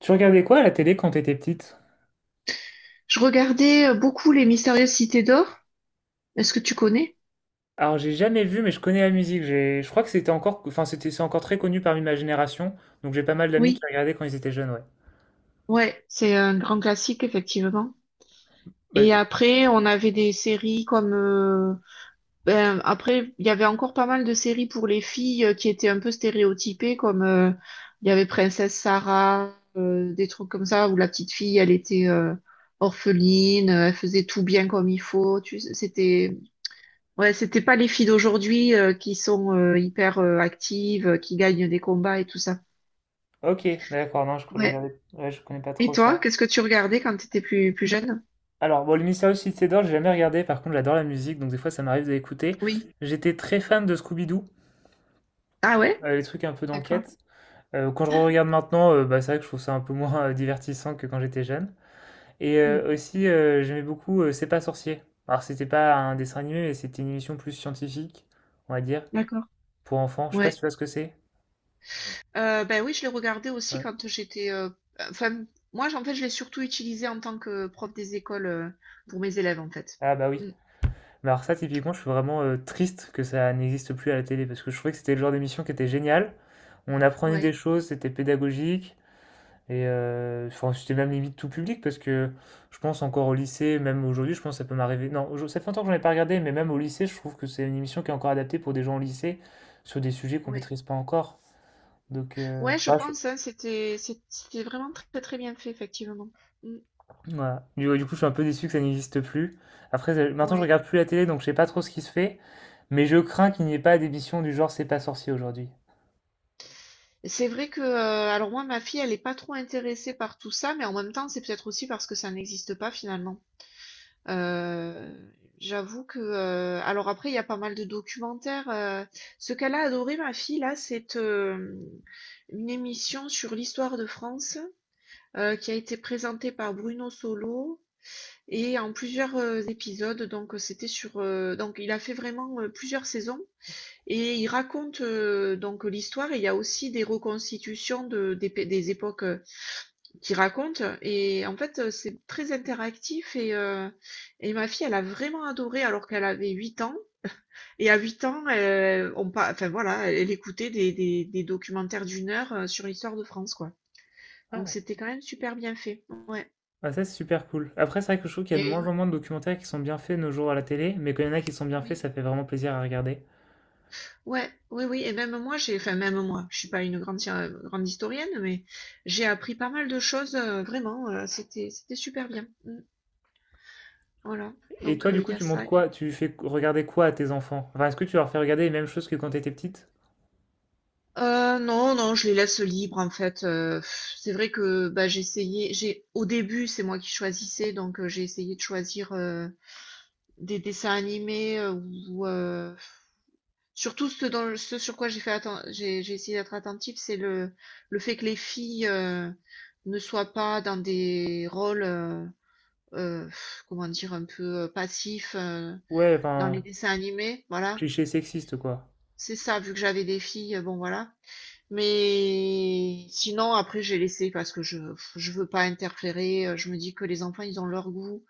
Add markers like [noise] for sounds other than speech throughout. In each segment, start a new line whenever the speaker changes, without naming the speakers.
Tu regardais quoi à la télé quand t'étais petite?
Je regardais beaucoup Les Mystérieuses Cités d'Or. Est-ce que tu connais?
Alors j'ai jamais vu, mais je connais la musique. Je crois que c'était encore, c'est encore très connu parmi ma génération. Donc j'ai pas mal d'amis qui
Oui.
regardaient quand ils étaient jeunes, ouais.
Ouais, c'est un grand classique, effectivement.
Bah,
Et après, on avait des séries comme ben, après, il y avait encore pas mal de séries pour les filles, qui étaient un peu stéréotypées, comme il y avait Princesse Sarah, des trucs comme ça, où la petite fille, elle était orpheline, elle faisait tout bien comme il faut. Tu sais, Ouais, c'était pas les filles d'aujourd'hui, qui sont, hyper, actives, qui gagnent des combats et tout ça.
ok, d'accord. Non, je
Ouais.
regardais, ouais, je connais pas
Et
trop
toi,
ça.
qu'est-ce que tu regardais quand tu étais plus jeune?
Alors bon, le Mystérieux Cité d'Or, j'ai jamais regardé. Par contre, j'adore la musique, donc des fois ça m'arrive de l'écouter.
Oui.
J'étais très fan de Scooby-Doo,
Ah ouais?
les trucs un peu
D'accord.
d'enquête. Quand je regarde maintenant, bah, c'est vrai que je trouve ça un peu moins divertissant que quand j'étais jeune. Et
Mm.
aussi, j'aimais beaucoup C'est pas sorcier. Alors, c'était pas un dessin animé, mais c'était une émission plus scientifique, on va dire,
D'accord.
pour enfants. Je sais pas si
Ouais.
tu vois ce que c'est.
Ben oui, je l'ai regardé aussi
Ouais.
quand j'étais. Enfin, moi, en fait, je l'ai surtout utilisé en tant que prof des écoles, pour mes élèves, en fait.
Ah bah oui.
Mm.
Mais alors ça, typiquement, je suis vraiment triste que ça n'existe plus à la télé, parce que je trouvais que c'était le genre d'émission qui était génial. On apprenait
Ouais,
des choses, c'était pédagogique, et enfin, c'était même limite tout public, parce que je pense encore au lycée, même aujourd'hui, je pense que ça peut m'arriver. Non, ça fait longtemps que j'en ai pas regardé, mais même au lycée, je trouve que c'est une émission qui est encore adaptée pour des gens au lycée, sur des sujets qu'on
ouais.
maîtrise pas encore. Donc,
Ouais, je
bah, je
pense, hein, c'était vraiment très, très bien fait, effectivement. Mm.
voilà. Du Ouais, du coup, je suis un peu déçu que ça n'existe plus. Après, maintenant, je
Ouais.
regarde plus la télé, donc je sais pas trop ce qui se fait, mais je crains qu'il n'y ait pas d'émission du genre «C'est pas sorcier» aujourd'hui.
C'est vrai que, alors moi, ma fille, elle est pas trop intéressée par tout ça, mais en même temps, c'est peut-être aussi parce que ça n'existe pas finalement. Heu, J'avoue que, alors après, il y a pas mal de documentaires. Ce qu'elle a adoré, ma fille là, c'est, une émission sur l'histoire de France, qui a été présentée par Bruno Solo et en plusieurs, épisodes. Donc c'était sur, donc il a fait vraiment, plusieurs saisons, et il raconte, donc l'histoire, et il y a aussi des reconstitutions de des pé des époques, qui raconte. Et en fait, c'est très interactif, et ma fille, elle a vraiment adoré alors qu'elle avait 8 ans. Et à 8 ans, enfin voilà, elle écoutait des documentaires d'1 heure, sur l'histoire de France, quoi. Donc
Ah!
c'était quand même super bien fait. Ouais.
Bah, ça, c'est super cool. Après, c'est vrai que je trouve qu'il y a de
Et,
moins
ouais.
en moins de documentaires qui sont bien faits de nos jours à la télé, mais quand il y en a qui sont bien faits,
Oui.
ça fait vraiment plaisir à regarder.
Ouais, oui, oui. Et même moi, enfin même moi, je suis pas une grande, grande historienne, mais j'ai appris pas mal de choses, vraiment. C'était super bien. Mm. Voilà.
Et
Donc
toi, du
il y
coup,
a
tu montres
ça.
quoi? Tu fais regarder quoi à tes enfants? Enfin, est-ce que tu leur fais regarder les mêmes choses que quand t'étais petite?
Non, non, je les laisse libres en fait. C'est vrai que, bah, j'ai essayé. J'ai Au début, c'est moi qui choisissais, donc j'ai essayé de choisir, des dessins animés, ou surtout ce dans ce sur quoi j'ai essayé d'être attentive, c'est le fait que les filles, ne soient pas dans des rôles, heu, comment dire? Un peu, passifs,
Ouais,
dans les
enfin,
dessins animés, voilà.
cliché sexiste, quoi.
C'est ça, vu que j'avais des filles, bon voilà. Mais sinon, après, j'ai laissé parce que je veux pas interférer. Je me dis que les enfants, ils ont leur goût,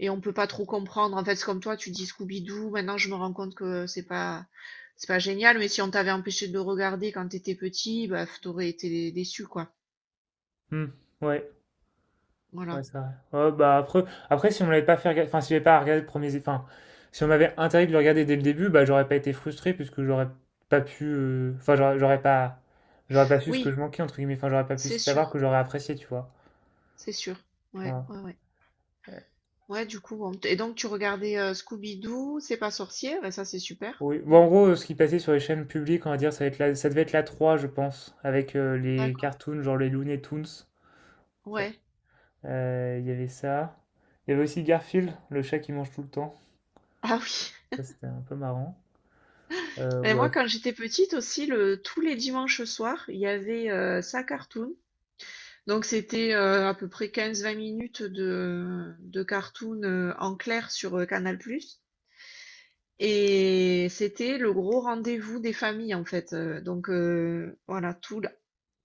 et on peut pas trop comprendre. En fait, c'est comme toi, tu dis Scooby-Doo. Maintenant, je me rends compte que c'est pas génial. Mais si on t'avait empêché de le regarder quand t'étais petit, bah, t'aurais été déçu, quoi.
Hmm, ouais. Ouais,
Voilà.
c'est vrai. Ouais, bah après, si on m'avait pas fait regarder, enfin, si j'avais pas regardé le premier, enfin, si on m'avait interdit de le regarder dès le début, bah, j'aurais pas été frustré puisque j'aurais pas pu, enfin, j'aurais pas, j'aurais pas su ce que je
Oui,
manquais, entre guillemets, enfin, j'aurais pas pu
c'est
savoir
sûr,
que j'aurais apprécié, tu vois.
c'est sûr. Ouais,
Voilà.
ouais, ouais.
Euh,
Ouais, du coup, bon. Et donc, tu regardais, Scooby-Doo, c'est pas sorcier. Bah, ça, c'est super.
Oui.
Mm.
Bon, en gros, ce qui passait sur les chaînes publiques, on va dire, ça devait être la 3 je pense, avec les
D'accord.
cartoons, genre les Looney Tunes. Ça-
Ouais.
Il y avait ça. Il y avait aussi Garfield, le chat qui mange tout le temps.
Ah oui.
Ça, c'était un peu marrant.
Mais moi,
Ouais.
quand j'étais petite aussi, tous les dimanches soirs, il y avait, ça cartoon. Donc, c'était, à peu près 15 20 minutes de cartoon, en clair sur, Canal+. Et c'était le gros rendez-vous des familles, en fait. Donc, voilà,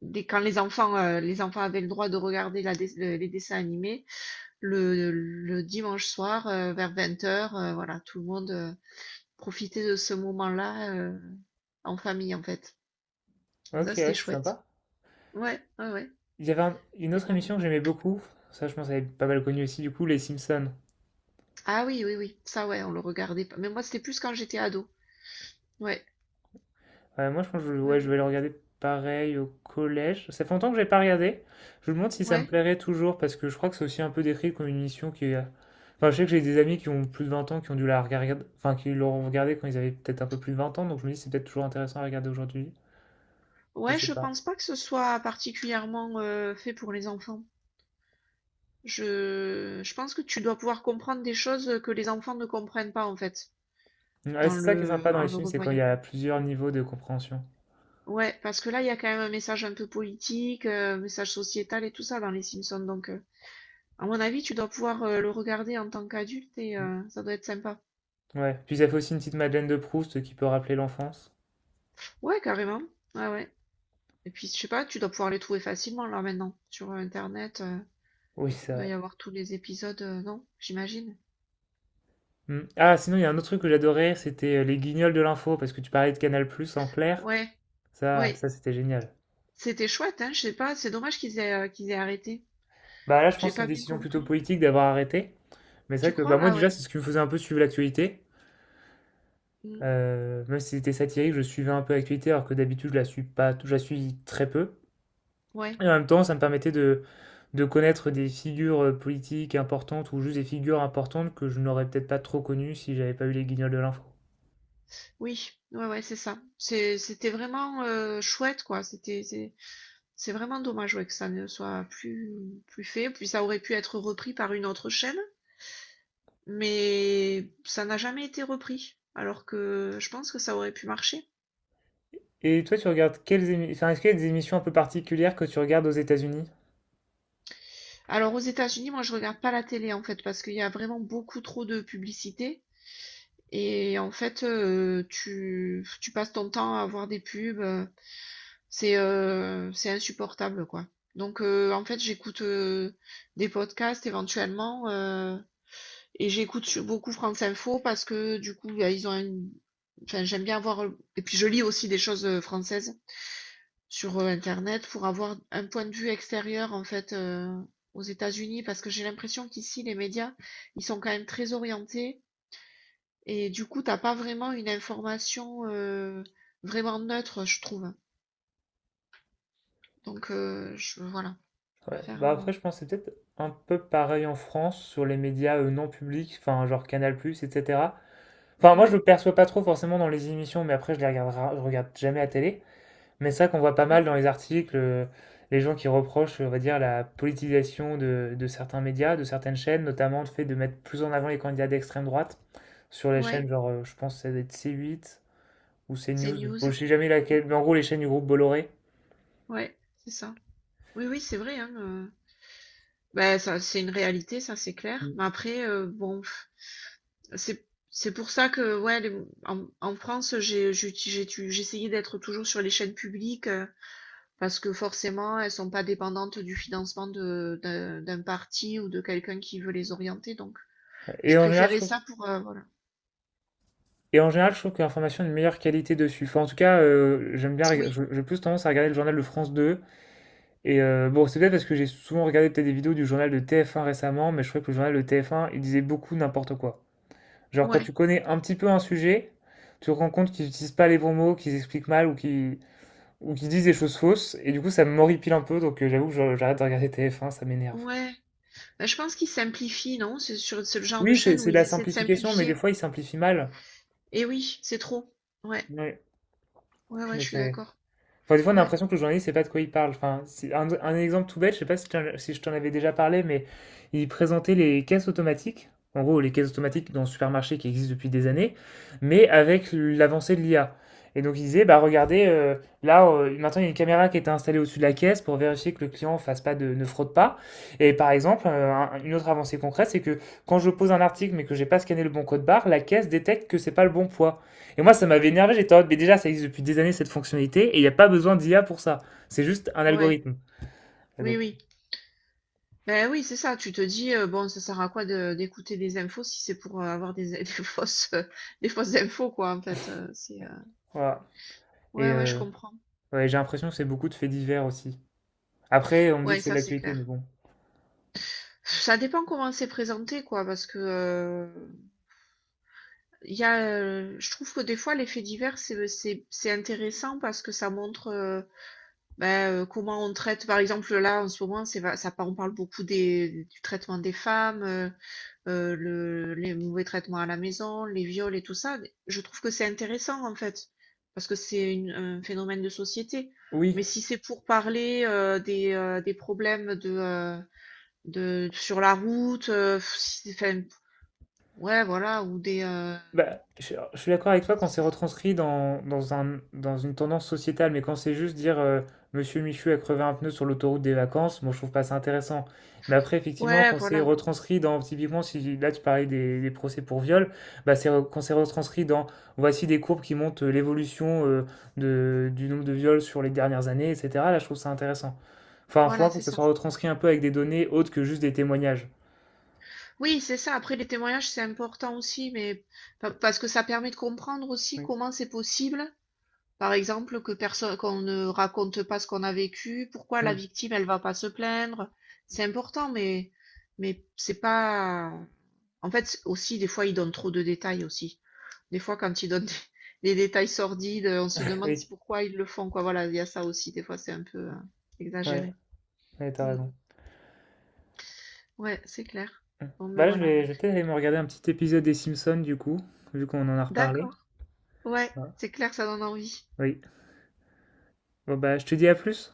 dès, quand les enfants, avaient le droit de regarder les dessins animés, le dimanche soir, vers 20 heures, voilà, tout le monde, profitait de ce moment-là, en famille, en fait. Donc
Ok,
ça,
ouais,
c'était
c'est
chouette.
sympa.
Ouais, ouais, ouais,
Il y avait une
c'était
autre
pas mal.
émission que j'aimais beaucoup, ça je pense elle est pas mal connue aussi du coup, Les Simpsons.
Ah oui, oui, oui, ça, ouais, on le regardait pas. Mais moi, c'était plus quand j'étais ado. Ouais,
Ouais, moi je pense que
ouais,
ouais, je
ouais.
vais le regarder pareil au collège. Ça fait longtemps que j'ai pas regardé. Je me demande si ça me
Ouais,
plairait toujours parce que je crois que c'est aussi un peu décrit comme une émission qui est... Enfin je sais que j'ai des amis qui ont plus de 20 ans qui ont dû la regarder, enfin qui l'ont regardée quand ils avaient peut-être un peu plus de 20 ans, donc je me dis c'est peut-être toujours intéressant à regarder aujourd'hui. Je
ouais,
sais
je
pas.
pense pas que ce soit particulièrement, fait pour les enfants. Je pense que tu dois pouvoir comprendre des choses que les enfants ne comprennent pas, en fait,
Ouais, c'est ça qui est sympa dans
en
les
le
films, c'est quand il y
revoyant.
a plusieurs niveaux de compréhension.
Ouais, parce que là, il y a quand même un message un peu politique, message sociétal et tout ça dans les Simpsons. Donc, à mon avis, tu dois pouvoir, le regarder en tant qu'adulte, et ça doit être sympa.
Ouais, puis ça fait aussi une petite Madeleine de Proust qui peut rappeler l'enfance.
Ouais, carrément. Ouais, ouais. Et puis, je sais pas, tu dois pouvoir les trouver facilement là maintenant sur, internet.
Oui, c'est
Il doit y
vrai.
avoir tous les épisodes, non? J'imagine.
Mm. Ah, sinon, il y a un autre truc que j'adorais, c'était les guignols de l'info, parce que tu parlais de Canal+, en clair.
Ouais,
Ça,
ouais.
ça c'était génial.
C'était chouette, hein. Je sais pas, c'est dommage qu'ils aient arrêté.
Bah là, je
J'ai
pense que c'est
pas
une
bien
décision plutôt
compris.
politique d'avoir arrêté. Mais c'est
Tu
vrai que bah,
crois?
moi,
Ah ouais.
déjà, c'est ce qui me faisait un peu suivre l'actualité.
Mm,
Même si c'était satirique, je suivais un peu l'actualité, alors que d'habitude, je la suis pas, je la suis très peu.
ouais.
Et en même temps, ça me permettait de connaître des figures politiques importantes ou juste des figures importantes que je n'aurais peut-être pas trop connues si j'avais pas eu les guignols de l'info.
Oui. Ouais, ouais, c'est ça. C'était vraiment, chouette, quoi. C'est vraiment dommage, ouais, que ça ne soit plus fait. Puis ça aurait pu être repris par une autre chaîne, mais ça n'a jamais été repris. Alors que je pense que ça aurait pu marcher.
Et toi, tu regardes enfin, est-ce qu'il y a des émissions un peu particulières que tu regardes aux États-Unis?
Alors aux États-Unis, moi je regarde pas la télé en fait, parce qu'il y a vraiment beaucoup trop de publicité, et en fait, tu passes ton temps à voir des pubs. C'est insupportable, quoi. Donc en fait j'écoute, des podcasts éventuellement, et j'écoute beaucoup France Info, parce que du coup bah, ils ont une... enfin j'aime bien voir. Et puis je lis aussi des choses, françaises sur, internet, pour avoir un point de vue extérieur en fait, aux États-Unis, parce que j'ai l'impression qu'ici les médias, ils sont quand même très orientés, et du coup, t'as pas vraiment une information, vraiment neutre, je trouve. Donc je voilà, je
Ouais.
préfère,
Bah après, je pense que c'est peut-être un peu pareil en France sur les médias non publics, enfin genre Canal+, etc. Enfin, moi, je
ouais,
le perçois pas trop forcément dans les émissions, mais après, je regarde jamais à télé. Mais c'est vrai qu'on voit pas mal
ouais,
dans les articles les gens qui reprochent, on va dire, la politisation de certains médias, de certaines chaînes, notamment le fait de mettre plus en avant les candidats d'extrême droite sur les
ouais.
chaînes, genre, je pense que ça doit être C8 ou CNews.
CNews.
Bon, je sais jamais
Mmh.
laquelle, mais en gros, les chaînes du groupe Bolloré.
Ouais, c'est ça. Oui, oui, c'est vrai, hein, bah, ça, c'est une réalité, ça, c'est clair. Mais après, bon. C'est c'est pour ça que ouais, en France, j'ai essayé d'être toujours sur les chaînes publiques, parce que forcément, elles sont pas dépendantes du financement d'un parti ou de quelqu'un qui veut les orienter. Donc, je
Et en général, je
préférais
trouve
ça pour, voilà.
Et en général, je trouve que l'information a une meilleure qualité dessus. Enfin, en tout cas, j'aime bien,
Oui,
j'ai plus tendance à regarder le journal de France 2. Et bon, c'est peut-être parce que j'ai souvent regardé peut-être des vidéos du journal de TF1 récemment, mais je trouvais que le journal de TF1, il disait beaucoup n'importe quoi. Genre, quand
ouais,
tu connais un petit peu un sujet, tu te rends compte qu'ils n'utilisent pas les bons mots, qu'ils expliquent mal ou qu'ils disent des choses fausses. Et du coup, ça m'horripile un peu, donc j'avoue que j'arrête de regarder TF1, ça m'énerve.
ouais. Ben, je pense qu'ils simplifient, non? C'est le genre de
Oui,
chaîne où
c'est de la
ils essaient de
simplification, mais des
simplifier.
fois, ils simplifient mal.
Et oui, c'est trop. Ouais,
Ouais.
ouais, ouais, je
Donc,
suis
c'est-
d'accord.
Enfin, des fois, on a
Ouais,
l'impression que le journaliste ne sait pas de quoi il parle. Enfin, c'est un exemple tout bête, je ne sais pas si je t'en avais déjà parlé, mais il présentait les caisses automatiques. En gros, les caisses
ouais,
automatiques dans le supermarché qui existent depuis des années, mais avec l'avancée de l'IA. Et donc, il disait, bah regardez, là, maintenant, il y a une caméra qui est installée au-dessus de la caisse pour vérifier que le client fasse pas de, ne fraude pas. Et par exemple, une autre avancée concrète, c'est que quand je pose un article mais que j'ai pas scanné le bon code barre, la caisse détecte que c'est pas le bon poids. Et moi, ça m'avait énervé, j'étais en mode, mais déjà, ça existe depuis des années cette fonctionnalité, et il n'y a pas besoin d'IA pour ça. C'est juste un
ouais.
algorithme. Et
Oui,
donc,
oui. Beh, oui, c'est ça, tu te dis: «Bon, ça sert à quoi de d'écouter des infos, si c'est pour, avoir des [laughs] des fausses infos», quoi, en fait,
voilà. Et
ouais, ouais, je comprends.
ouais, j'ai l'impression que c'est beaucoup de faits divers aussi. Après, on me dit que
Ouais,
c'est de
ça, c'est
l'actualité, mais
clair.
bon.
Ça dépend comment c'est présenté, quoi, parce que, je trouve que des fois les faits divers, c'est intéressant parce que ça montre, bah, comment on traite. Par exemple, là, en ce moment, c'est va ça on parle beaucoup des du traitement des femmes, les mauvais traitements à la maison, les viols et tout ça, je trouve que c'est intéressant en fait, parce que c'est un phénomène de société.
Oui,
Mais si c'est pour parler, des problèmes de sur la route, enfin, ouais, voilà, ou
bah, je suis d'accord avec toi quand c'est
c'est-
retranscrit dans un, dans une tendance sociétale, mais quand c'est juste dire Monsieur Michu a crevé un pneu sur l'autoroute des vacances, moi je trouve pas ça intéressant. Mais après, effectivement,
ouais,
quand c'est
voilà,
retranscrit dans, typiquement, si là tu parlais des procès pour viol, bah, quand c'est retranscrit dans voici des courbes qui montrent l'évolution du nombre de viols sur les dernières années, etc. Là, je trouve ça intéressant. Enfin, faut un
voilà,
peu
c'est
que ça
ça.
soit retranscrit un peu avec des données autres que juste des témoignages.
Oui, c'est ça. Après, les témoignages, c'est important aussi, mais parce que ça permet de comprendre aussi
Oui.
comment c'est possible. Par exemple, que personne, qu'on ne raconte pas ce qu'on a vécu. Pourquoi la
Hmm.
victime, elle va pas se plaindre? C'est important, mais c'est pas. En fait, aussi, des fois, ils donnent trop de détails aussi. Des fois, quand ils donnent [laughs] des, détails sordides, on se demande
Oui.
pourquoi ils le font, quoi. Voilà, il y a ça aussi. Des fois, c'est un peu,
Mmh. Ouais,
exagéré.
ouais, t'as
Mm.
raison.
Ouais, c'est clair.
Mmh.
Bon, mais
Bah là,
voilà.
je vais peut-être aller me regarder un petit épisode des Simpsons, du coup, vu qu'on en a reparlé.
D'accord. Ouais,
Ah,
c'est clair, ça donne envie.
oui. Bon, bah, je te dis à plus.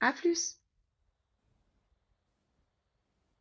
À plus.